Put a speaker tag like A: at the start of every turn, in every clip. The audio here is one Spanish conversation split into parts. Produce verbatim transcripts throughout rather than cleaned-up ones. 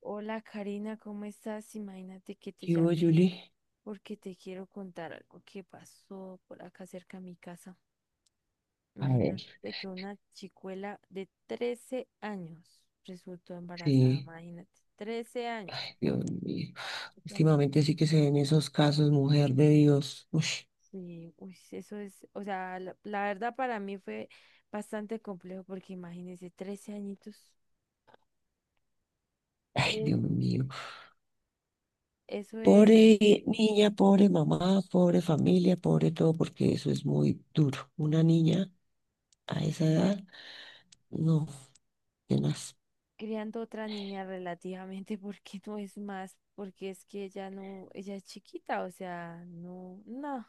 A: Hola Karina, ¿cómo estás? Imagínate que te
B: ¿Qué hubo,
A: llamé
B: Julie?
A: porque te quiero contar algo que pasó por acá cerca a mi casa.
B: A ver,
A: Imagínate que una chicuela de trece años resultó embarazada,
B: sí.
A: imagínate, trece años.
B: Ay, Dios mío. Últimamente sí que se ven esos casos, mujer de Dios. Uy,
A: Sí, uy, eso es, o sea, la, la verdad para mí fue bastante complejo porque imagínense, trece añitos,
B: ay,
A: es,
B: Dios mío.
A: eso es
B: Pobre niña, pobre mamá, pobre familia, pobre todo, porque eso es muy duro. Una niña a esa edad, no, tenaz.
A: criando otra niña relativamente porque no es más, porque es que ella no, ella es chiquita, o sea, no, no,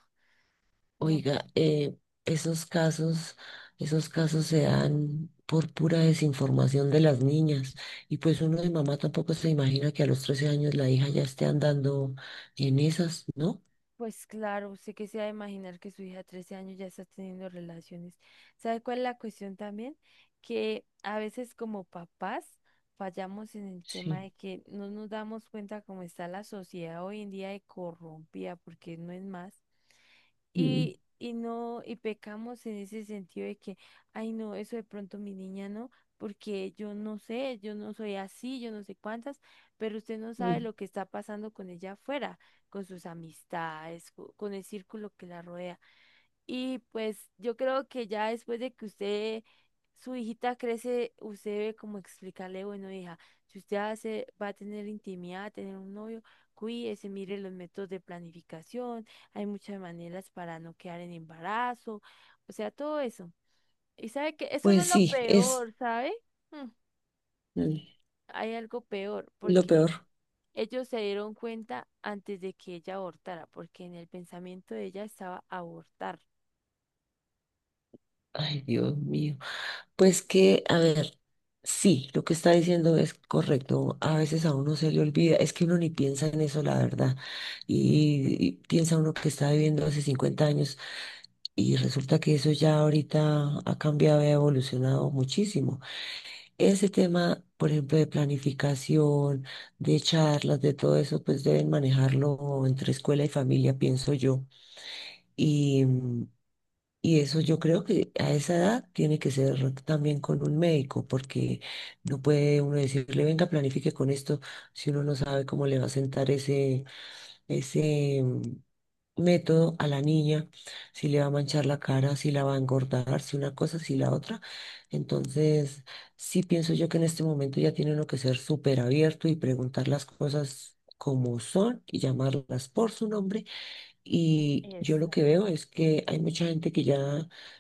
A: no.
B: Oiga, eh, esos casos, esos casos se dan por pura desinformación de las niñas. Y pues uno de mamá tampoco se imagina que a los trece años la hija ya esté andando en esas, ¿no?
A: Pues claro, sé que se ha de imaginar que su hija de trece años ya está teniendo relaciones. ¿Sabe cuál es la cuestión también? Que a veces como papás fallamos en el tema
B: Sí.
A: de que no nos damos cuenta cómo está la sociedad hoy en día de corrompida, porque no es más.
B: Mm,
A: Y, y no, y pecamos en ese sentido de que, ay no, eso de pronto mi niña no, porque yo no sé, yo no soy así, yo no sé cuántas, pero usted no sabe
B: mm,
A: lo que está pasando con ella afuera, con sus amistades, co- con el círculo que la rodea. Y pues yo creo que ya después de que usted, su hijita crece, usted debe como explicarle, bueno, hija, si usted hace, va a tener intimidad, tener un novio, cuídese, mire los métodos de planificación, hay muchas maneras para no quedar en embarazo, o sea, todo eso. Y sabe que eso no
B: Pues
A: es lo
B: sí, es
A: peor, ¿sabe? Mm,
B: mm.
A: Hay algo peor,
B: lo
A: porque
B: peor.
A: ellos se dieron cuenta antes de que ella abortara, porque en el pensamiento de ella estaba abortar.
B: Ay, Dios mío. Pues que, a ver, sí, lo que está diciendo es correcto. A veces a uno se le olvida, es que uno ni piensa en eso, la verdad. Y, y piensa uno que está viviendo hace cincuenta años. Y resulta que eso ya ahorita ha cambiado y ha evolucionado muchísimo. Ese tema, por ejemplo, de planificación, de charlas, de todo eso, pues deben manejarlo entre escuela y familia, pienso yo. Y, mm, y eso yo creo que a esa edad tiene que ser también con un médico, porque no puede uno decirle, venga, planifique con esto, si uno no sabe cómo le va a sentar ese, ese mm, método a la niña, si le va a manchar la cara, si la va a engordar, si una cosa, si la otra. Entonces, sí pienso yo que en este momento ya tiene uno que ser súper abierto y preguntar las cosas como son y llamarlas por su nombre. Y yo lo que
A: Exacto.
B: veo es que hay mucha gente que ya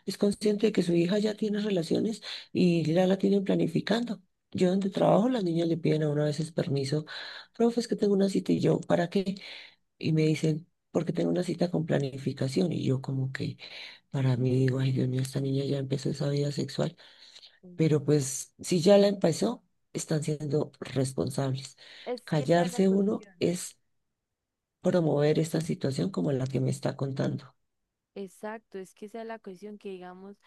B: es consciente de que su hija ya tiene relaciones y ya la tienen planificando. Yo donde trabajo, las niñas le piden a uno a veces permiso, profe, es que tengo una cita y yo, ¿para qué? Y me dicen, porque tengo una cita con planificación. Y yo como que para mí digo, ay, Dios mío, esta niña ya empezó esa vida sexual. Pero pues si ya la empezó, están siendo responsables.
A: Es que esa es la
B: Callarse uno
A: cuestión.
B: es promover esta situación como la que me está contando.
A: Exacto, es que esa es la cuestión que digamos,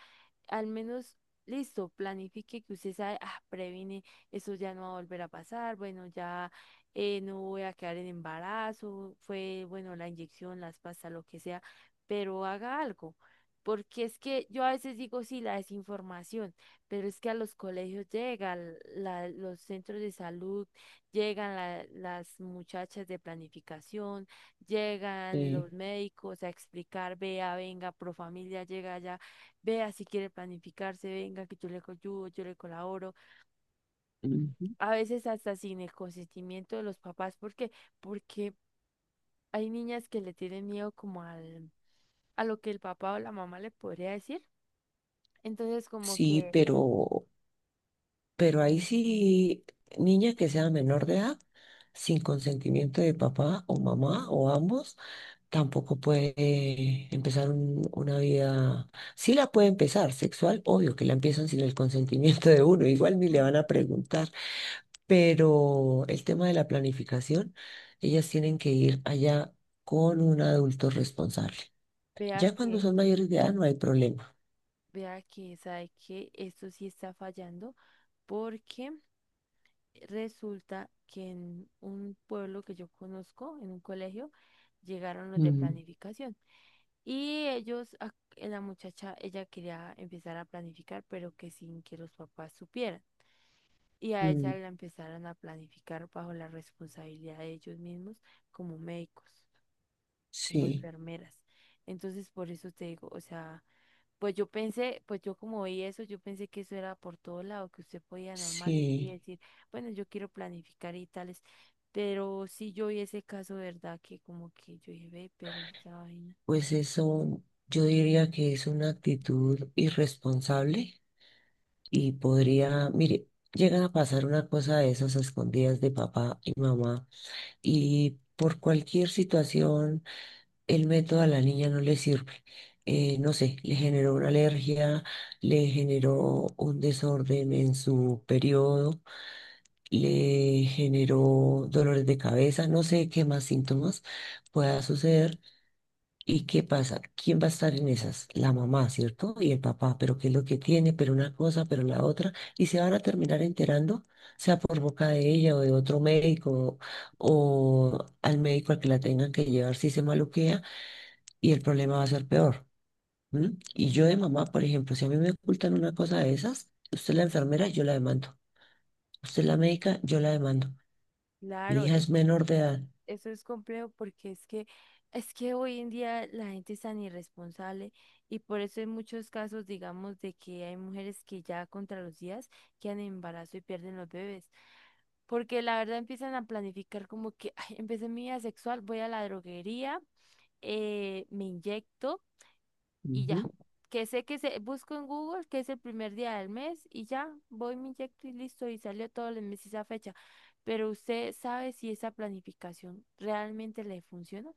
A: al menos, listo, planifique que usted sabe, ah, previne, eso ya no va a volver a pasar, bueno, ya eh, no voy a quedar en embarazo, fue, bueno, la inyección, las pastas, lo que sea, pero haga algo. Porque es que yo a veces digo, sí, la desinformación, pero es que a los colegios llegan, la- los centros de salud, llegan la- las muchachas de planificación, llegan
B: Eh,
A: los médicos a explicar, vea, venga, pro familia llega allá. Vea si quiere planificarse, venga, que yo le ayudo, yo le colaboro.
B: Ujú.
A: A veces hasta sin el consentimiento de los papás, porque Porque hay niñas que le tienen miedo como al, a lo que el papá o la mamá le podría decir. Entonces, como
B: Sí,
A: que
B: pero, pero ahí sí, niña que sea menor de edad, sin consentimiento de papá o mamá o ambos. Tampoco puede eh, empezar un- una vida, sí la puede empezar, sexual, obvio que la empiezan sin el consentimiento de uno, igual ni le
A: mm,
B: van a preguntar, pero el tema de la planificación, ellas tienen que ir allá con un adulto responsable.
A: vea
B: Ya cuando
A: que,
B: son mayores de edad no hay problema.
A: vea que sabe que esto sí está fallando, porque resulta que en un pueblo que yo conozco, en un colegio, llegaron los de
B: Mm.
A: planificación. Y ellos, ac- la muchacha, ella quería empezar a planificar, pero que sin que los papás supieran. Y a ella
B: Mm,
A: la empezaron a planificar bajo la responsabilidad de ellos mismos como médicos, como
B: sí,
A: enfermeras. Entonces, por eso te digo, o sea, pues yo pensé, pues yo como vi eso, yo pensé que eso era por todo lado, que usted podía normal ir y
B: sí,
A: decir, bueno, yo quiero planificar y tales. Pero sí yo vi ese caso, ¿verdad? Que como que yo dije, ve, pero esa vaina.
B: pues eso yo diría que es una actitud irresponsable. Y podría, mire, llegan a pasar una cosa de esas a escondidas de papá y mamá y por cualquier situación el método a la niña no le sirve. Eh, no sé, le generó una alergia, le generó un desorden en su periodo, le generó dolores de cabeza, no sé qué más síntomas pueda suceder. ¿Y qué pasa? ¿Quién va a estar en esas? La mamá, ¿cierto? Y el papá, pero qué es lo que tiene, pero una cosa, pero la otra, y se van a terminar enterando, sea por boca de ella o de otro médico, o al médico al que la tengan que llevar si se maluquea, y el problema va a ser peor. ¿M? Y yo de mamá, por ejemplo, si a mí me ocultan una cosa de esas, usted es la enfermera, yo la demando. Usted es la médica, yo la demando. Mi
A: Claro,
B: hija es menor de edad.
A: eso es complejo porque es que es que hoy en día la gente es tan irresponsable y por eso en muchos casos digamos de que hay mujeres que ya contra los días quedan en embarazo y pierden los bebés. Porque la verdad empiezan a planificar como que "Ay, empecé mi vida sexual, voy a la droguería, eh, me inyecto y ya.
B: Ujú.
A: Que sé que se, busco en Google que es el primer día del mes y ya, voy, me inyecto y listo, y salió todos los meses esa fecha. Pero usted sabe si esa planificación realmente le funciona.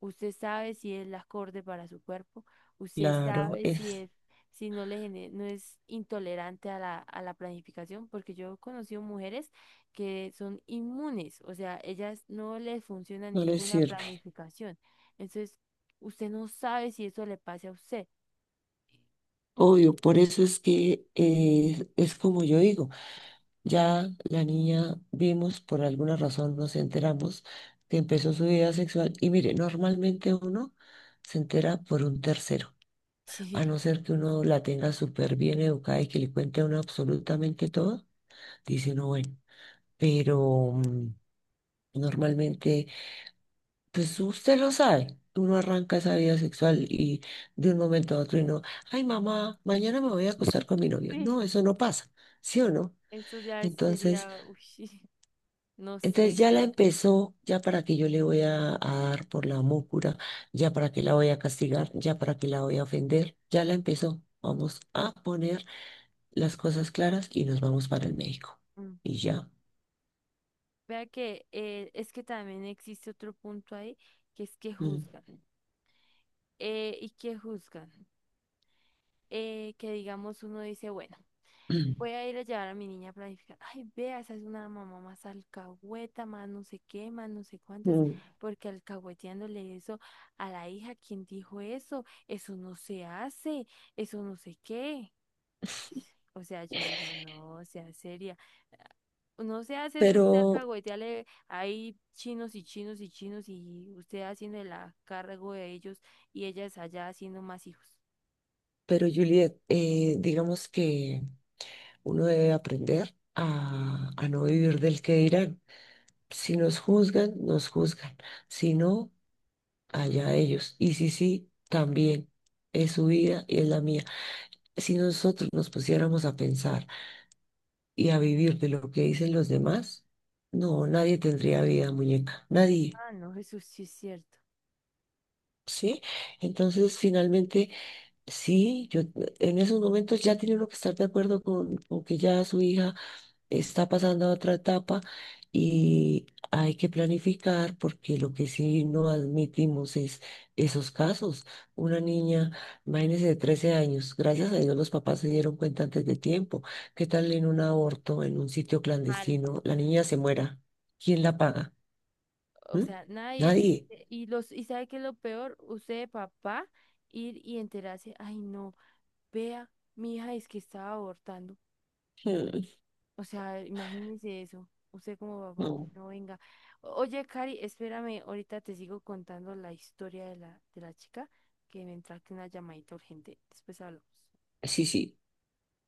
A: Usted sabe si es la acorde para su cuerpo. Usted
B: Claro,
A: sabe si
B: es,
A: es, si no le gene- no es intolerante a la, a la planificación, porque yo he conocido mujeres que son inmunes, o sea, ellas no les funciona
B: no le
A: ninguna
B: sirve.
A: planificación. Entonces, usted no sabe si eso le pase a usted.
B: Obvio, por eso es que eh, es como yo digo, ya la niña vimos, por alguna razón nos enteramos que empezó su vida sexual y mire, normalmente uno se entera por un tercero, a
A: Sí.
B: no ser que uno la tenga súper bien educada y que le cuente a uno absolutamente todo, dice uno, bueno, pero mm, normalmente. Pues usted lo sabe, uno arranca esa vida sexual y de un momento a otro uno, ay, mamá, mañana me voy a acostar con mi novio.
A: Sí,
B: No, eso no pasa, ¿sí o no?
A: eso ya
B: Entonces,
A: sería, uy, no
B: entonces
A: sé.
B: ya la empezó, ya para que yo le voy a, a dar por la mócura, ya para que la voy a castigar, ya para que la voy a ofender, ya la empezó. Vamos a poner las cosas claras y nos vamos para el médico.
A: Mm.
B: Y ya.
A: Vea que eh, es que también existe otro punto ahí, que es que
B: Mm,
A: juzgan. Eh, ¿y que juzgan? Eh, que digamos uno dice, bueno,
B: mm,
A: voy a ir a llevar a mi niña a planificar. Ay, vea, esa es una mamá más alcahueta, más no sé qué, más no sé cuántas,
B: mm.
A: porque alcahueteándole eso a la hija, ¿quién dijo eso? Eso no se hace, eso no sé qué. O sea, yo digo, no, sea seria. No se hace eso usted
B: Pero,
A: alcahuetearle ahí chinos y chinos y chinos y usted haciendo el a- cargo de ellos y ellas allá haciendo más hijos.
B: pero Juliet, eh, digamos que... Uno debe aprender a, a no vivir del que dirán. Si nos juzgan, nos juzgan. Si no, allá ellos. Y si sí, también. Es su vida y es la mía. Si nosotros nos pusiéramos a pensar y a vivir de lo que dicen los demás, no, nadie tendría vida, muñeca. Nadie.
A: Ah, no, eso sí es cierto.
B: ¿Sí? Entonces, finalmente, sí, yo en esos momentos ya tiene uno que estar de acuerdo con, con que ya su hija está pasando a otra etapa y hay que planificar porque lo que sí no admitimos es esos casos. Una niña, imagínese, de trece años, gracias a Dios los papás se dieron cuenta antes de tiempo. ¿Qué tal en un aborto, en un sitio
A: Mal.
B: clandestino, la niña se muera? ¿Quién la paga?
A: O
B: ¿Mm?
A: sea, nadie,
B: Nadie.
A: y los, y sabe qué es lo peor, usted de papá ir y enterarse, ay no, vea, mi hija es que estaba abortando.
B: Mm,
A: O sea, imagínese eso. Usted como papá, "Uy,
B: no.
A: no venga. O- Oye, Cari, espérame, ahorita te sigo contando la historia de la, de la chica, que me entra aquí una llamadita urgente. Después hablamos.
B: Sí, sí.